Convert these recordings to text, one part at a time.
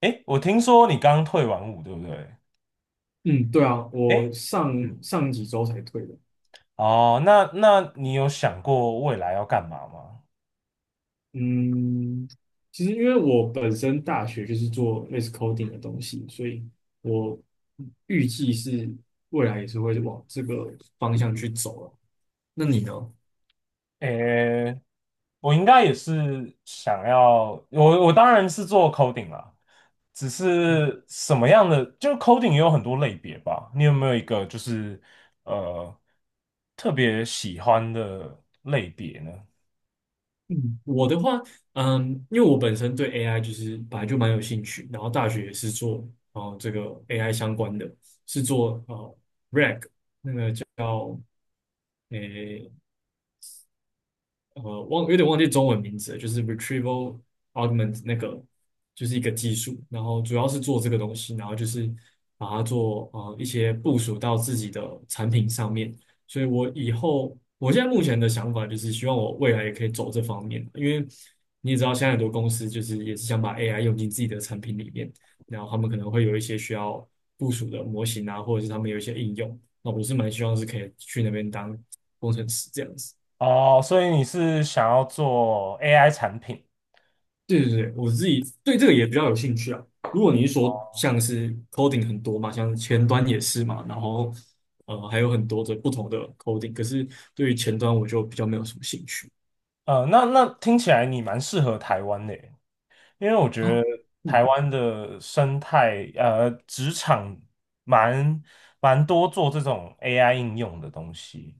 哎，我听说你刚退完伍，对不对？嗯，对啊，哎，我上嗯，上几周才退的。哦，那你有想过未来要干嘛吗？嗯，其实因为我本身大学就是做类似 coding 的东西，所以我预计是未来也是会往这个方向去走了。那你呢？诶，我应该也是想要，我当然是做 coding 啦，只是什么样的，就 coding 也有很多类别吧。你有没有一个就是呃特别喜欢的类别呢？嗯，我的话，因为我本身对 AI 就是本来就蛮有兴趣，然后大学也是做哦、呃、这个 AI 相关的，是做 RAG 那个叫。有点忘记中文名字了，就是 retrieval augment 那个，就是一个技术，然后主要是做这个东西，然后就是把它做一些部署到自己的产品上面。所以我以后，我现在目前的想法就是希望我未来也可以走这方面，因为你也知道，现在很多公司就是也是想把 AI 用进自己的产品里面，然后他们可能会有一些需要部署的模型啊，或者是他们有一些应用，那我是蛮希望是可以去那边当工程师这样子。哦，所以你是想要做 AI 产品？对对对，我自己对这个也比较有兴趣啊。如果你是说哦，像是 coding 很多嘛，像前端也是嘛，然后还有很多的不同的 coding,可是对于前端我就比较没有什么兴趣那听起来你蛮适合台湾的耶，因为我觉得啊。台嗯，湾的生态，职场蛮蛮多做这种 AI 应用的东西。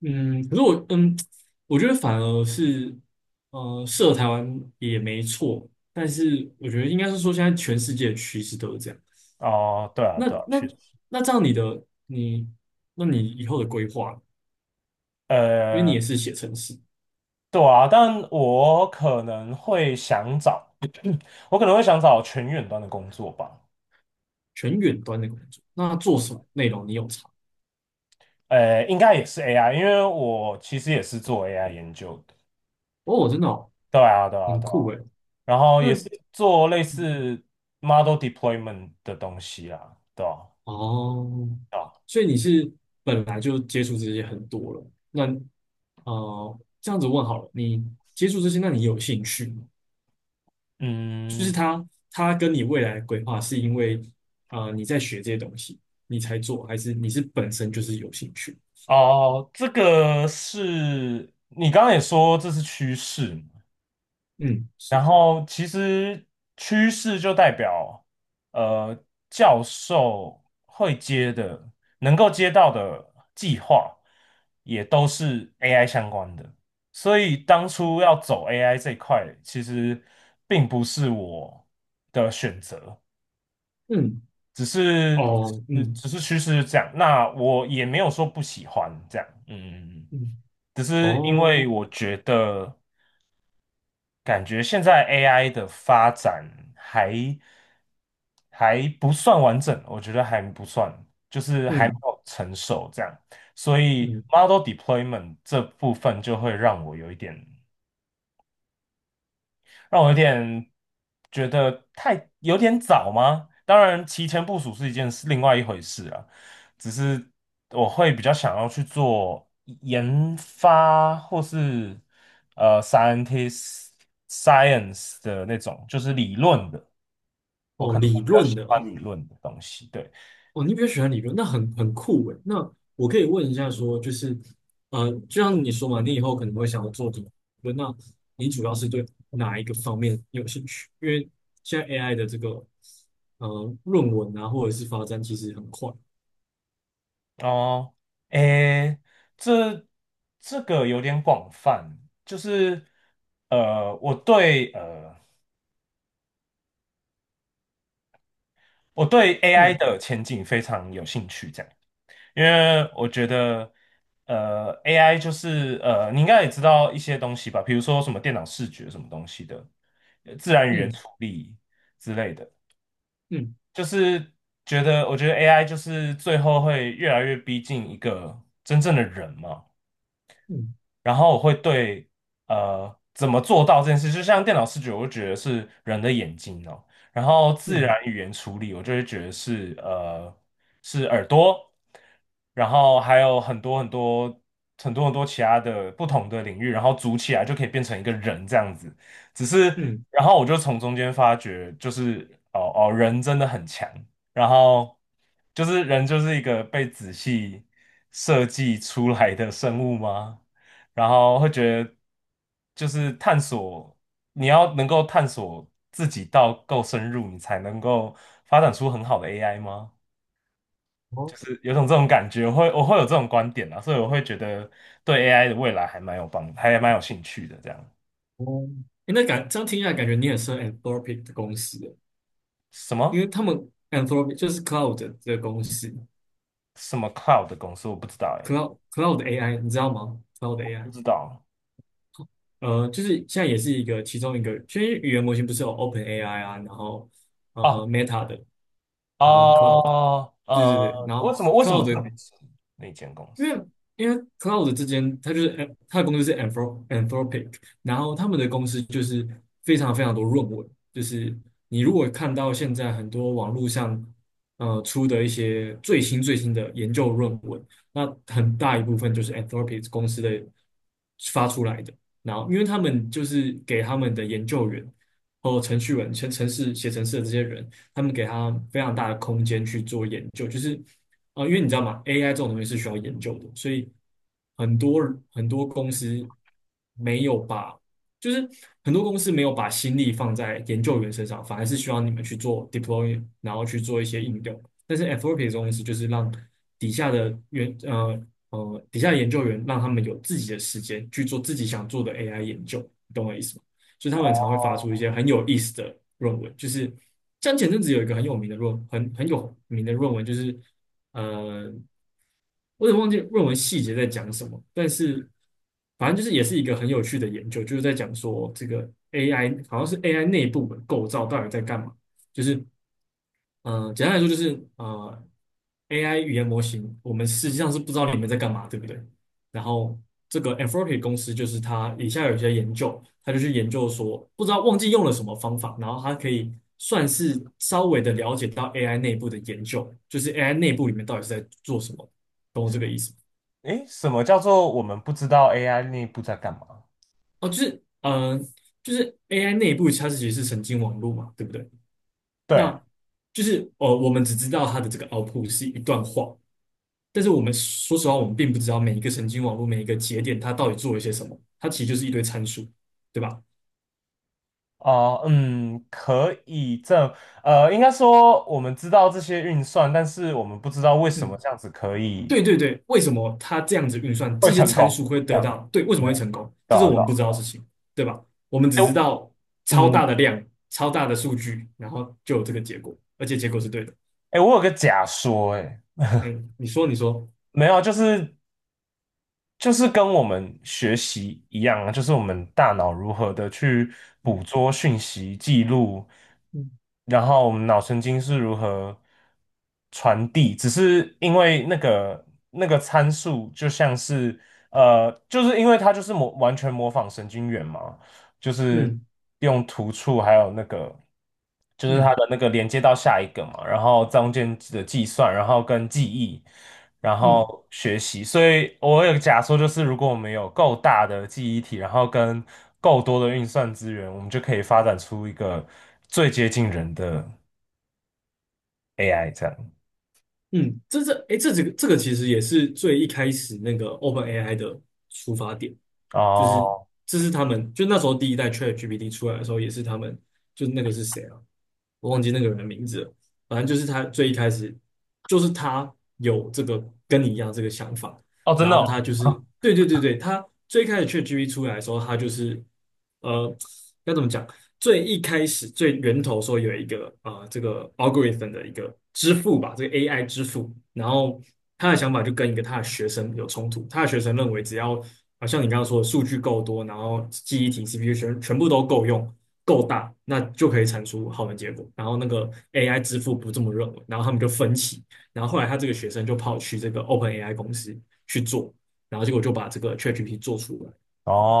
嗯，可是我觉得反而是台湾也没错，但是我觉得应该是说现在全世界的趋势都是这样。哦，对啊，那对啊，那确实，那这样你的你，那你以后的规划，因为你也呃，是写程式。对啊，但我可能会想找，我可能会想找全远端的工作吧。全远端的工作。那做什么内容？你有查？呃，应该也是 AI,因为我其实也是做 AI 研究的。哦，真的哦，对啊，对啊，很对啊，酷诶。然后那也是做类似 model deployment 的东西啦，对啊，哦，对啊。所以你是本来就接触这些很多了。那这样子问好了，你接触这些，那你有兴趣吗？就是嗯，他跟你未来的规划是因为你在学这些东西，你才做，还是你是本身就是有兴趣？哦，这个是你刚刚也说这是趋势嘛，嗯，是。然后其实趋势就代表呃教授会接的、能够接到的计划也都是 AI 相关的，所以当初要走 AI 这一块，其实并不是我的选择，嗯。只是哦。只嗯。只是趋势是这样，那我也没有说不喜欢这样，嗯嗯嗯。嗯。只是因哦。为我觉得，感觉现在 AI 的发展还还不算完整，我觉得还不算，就是还没嗯。有成熟这样，所以 嗯。model deployment 这部分就会让我有一点。让我有点觉得太有点早吗？当然，提前部署是一件是另外一回事啊。只是我会比较想要去做研发或是scientist science 的那种，就是理论的，我哦，可能会理比较论喜的欢哦。理论的东西。对，哦，你比较喜欢理论，那很酷诶。那我可以问一下说，就是，就像你说嘛，你以后可能会想要做理论，那你主要是对哪一个方面有兴趣？因为现在 AI 的这个，论文啊，或者是发展其实很快。哦，诶，这这个有点广泛，就是我对我对 AI 嗯。的前景非常有兴趣，这样，因为我觉得，AI 就是你应该也知道一些东西吧，比如说什么电脑视觉什么东西的，自然语言嗯。处理之类的，嗯。就是觉得，我觉得 AI 就是最后会越来越逼近一个真正的人嘛，嗯然后我会对怎么做到这件事，就像电脑视觉，我就觉得是人的眼睛哦，然后自嗯然语言处理，我就会觉得是是耳朵，然后还有很多很多很多很多其他的不同的领域，然后组起来就可以变成一个人这样子。只是嗯，然后我就从中间发觉，就是哦哦人真的很强，然后就是人就是一个被仔细设计出来的生物吗？然后会觉得就是探索，你要能够探索自己到够深入，你才能够发展出很好的 AI 吗？哦就是有种这种感觉，我会有这种观点啊，所以我会觉得对 AI 的未来还蛮有帮，还蛮有兴趣的。这样哦。诶，这样听起来，感觉你也是 Anthropic 的公司诶，什因么为他们 Anthropic 就是 Cloud 的公司什么 cloud 的公司我不知道哎、，Cloud AI,你知道吗？Cloud 不 AI。知道就是现在也是一个其中一个，其实语言模型不是有 OpenAI 啊，然后哦 Meta 的，然后 Cloud,哦对对对，然为后 什么为什么特 Cloud。别是那间公因司？为Cloud 之间，它就是 它的公司是 Anthropic,然后他们的公司就是非常多论文，就是你如果看到现在很多网络上出的一些最新的研究论文，那很大一部分就是 Anthropic 公司的发出来的。然后因为他们就是给他们的研究员和程序员、程程式写程式的这些人，他们给他非常大的空间去做研究，就是因为你知道吗？AI 这种东西是需要研究的，所以很多很多公司没有把，就是很多公司没有把心力放在研究员身上，反而是需要你们去做 deploy,然后去做一些应用。但是 a t F o P 这种东西就是让底下的员呃底下的研究员让他们有自己的时间去做自己想做的 AI 研究，你懂我意思吗？就是他们常会发哦，出一些很有意思的论文，就是像前阵子有一个很有名的论文，就是呃，我有点忘记论文细节在讲什么，但是反正就是也是一个很有趣的研究，就是在讲说这个 AI 好像是 AI 内部的构造到底在干嘛，就是简单来说就是AI 语言模型，我们实际上是不知道里面在干嘛，对不对？然后这个 Anthropic 公司就是他，以下有一些研究，他就去研究说，不知道忘记用了什么方法，然后它可以算是稍微的了解到 AI 内部的研究，就是 AI 内部里面到底是在做什么，懂我这个意思吗？诶，什么叫做我们不知道 AI 内部在干嘛？哦，就是就是 AI 内部它是其实是神经网络嘛，对不对？对啊。那就是我们只知道它的这个 output 是一段话，但是我们说实话，我们并不知道每一个神经网络、每一个节点它到底做了些什么，它其实就是一堆参数，对吧？哦，嗯，可以这，应该说我们知道这些运算，但是我们不知道为什么嗯，这样子可以对对对，为什么它这样子运算，会这些成参功，数会这得样，到，对，为什么对，会成功？对这是啊，我对们啊，不知道的事情，对吧？我们只哎，知道超嗯，大的量、超大的数据，然后就有这个结果，而且结果是对的。哎，我有个假说，哎，嗯，你说，你说。没有啊，就是就是跟我们学习一样啊，就是我们大脑如何的去嗯捕捉讯息、记录，嗯然后我们脑神经是如何传递，只是因为那个参数就像是就是因为它就是完全模仿神经元嘛，就是嗯用突触还有那个，就是它嗯的那个连接到下一个嘛，然后中间的计算，然后跟记忆，然嗯。后学习。所以我有个假说，就是如果我们有够大的记忆体，然后跟够多的运算资源，我们就可以发展出一个最接近人的 AI 这样。嗯，这这哎，这几个这个其实也是最一开始那个 OpenAI 的出发点，就是哦这是他们就那时候第一代 ChatGPT 出来的时候，也是他们那个是谁啊？我忘记那个人的名字了，反正就是他最一开始就是他有这个跟你一样这个想法，哦，真然的后他哦，就是对对对对，他最开始 ChatGPT 出来的时候，他就是呃该怎么讲？最一开始最源头说有一个这个 algorithm 的一个支付吧，这个 AI 支付，然后他的想法就跟一个他的学生有冲突，他的学生认为只要像你刚刚说的数据够多，然后记忆体、CPU 全部都够用、够大，那就可以产出好的结果。然后那个 AI 支付不这么认为，然后他们就分歧，然后后来他这个学生就跑去这个 OpenAI 公司去做，然后结果就把这个 ChatGPT 做出来。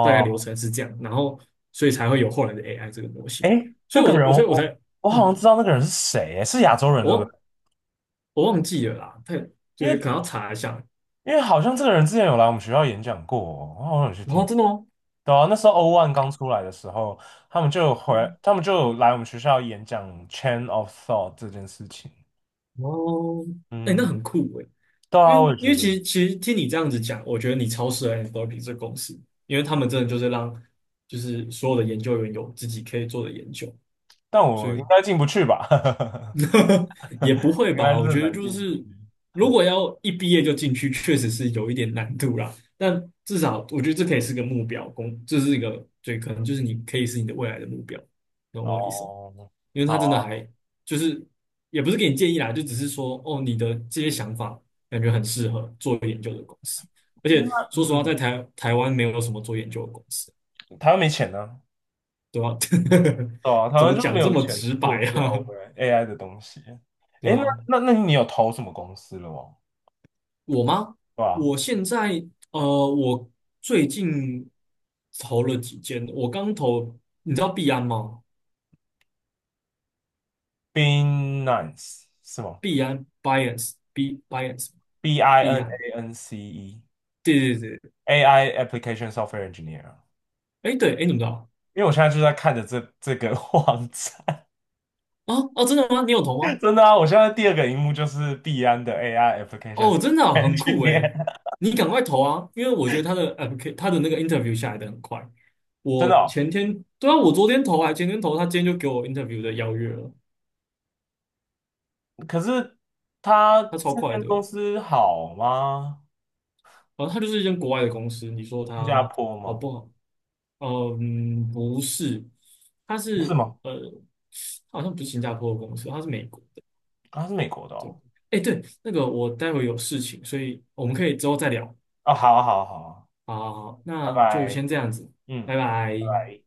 大概流程是这样，然后所以才会有后来的 AI 这个模型。诶，所那以个我，人我我所以我才，我我好像嗯，知道那个人是谁，诶是亚洲人对不对？我我忘记了啦，因就是可为能要查一下。因为好像这个人之前有来我们学校演讲过哦我好像有去然后听。真的吗？对啊，那时候 O o 刚出来的时候，他们就有回，嗯。他们就有来我们学校演讲 Chain of Thought 这件事情。哦，哎、那嗯，很酷哎、对因啊，为我也觉得，其实听你这样子讲，我觉得你超适合 a n t h o p i 这个公司，因为他们真的就是让就是所有的研究员有自己可以做的研究，但所我以 应该进不去吧？也不会应该吧？是我很觉得难就进得去。是，如果要一毕业就进去，确实是有一点难度啦。但至少我觉得这可以是个目标，这是一个对，可能就是你可以是你的未来的目标，懂我意思吗？哦，因为好他真啊，的还就是也不是给你建议啦，就只是说哦，你的这些想法感觉很适合做研究的公司，而且那说实话，嗯在台湾没有什么做研究的公司，嗯，台湾没钱呢、对吧？对啊，台怎湾么就讲没这有么钱直做白这个 啊？O AI 的东西。对诶，那啊，那那你有投什么公司了吗？我吗？对吧我现在我最近投了几间，我刚投，你知道币安吗？？Binance 是吗？币安 Binance Binance B I 币 N 安，A N C E 对对对，AI Application Software Engineer 啊哎对，哎你们知道因为我现在就在看着这个 网站，啊？哦，真的吗？你有投 吗？真的啊，我现在第二个荧幕就是币安的 AI Application 哦，Software 真的啊很酷哎，Engineer,你赶快投啊，因为我觉得他的 他的那个 interview 下来的很快，真的我哦。前天对啊，我昨天投还前天投，他今天就给我 interview 的邀约了，可是他他超这快间的，然公司好吗？后他就是一间国外的公司，你说新加他。坡好吗？不好？嗯，不是，他是是吗？呃，好像不是新加坡的公司，他是美国的。啊它是美国的对，哦。哎，对，那个我待会有事情，所以我们可以之后再聊。哦，好啊，好啊，好啊，好，拜那就拜，先这样子，嗯。拜拜拜。拜。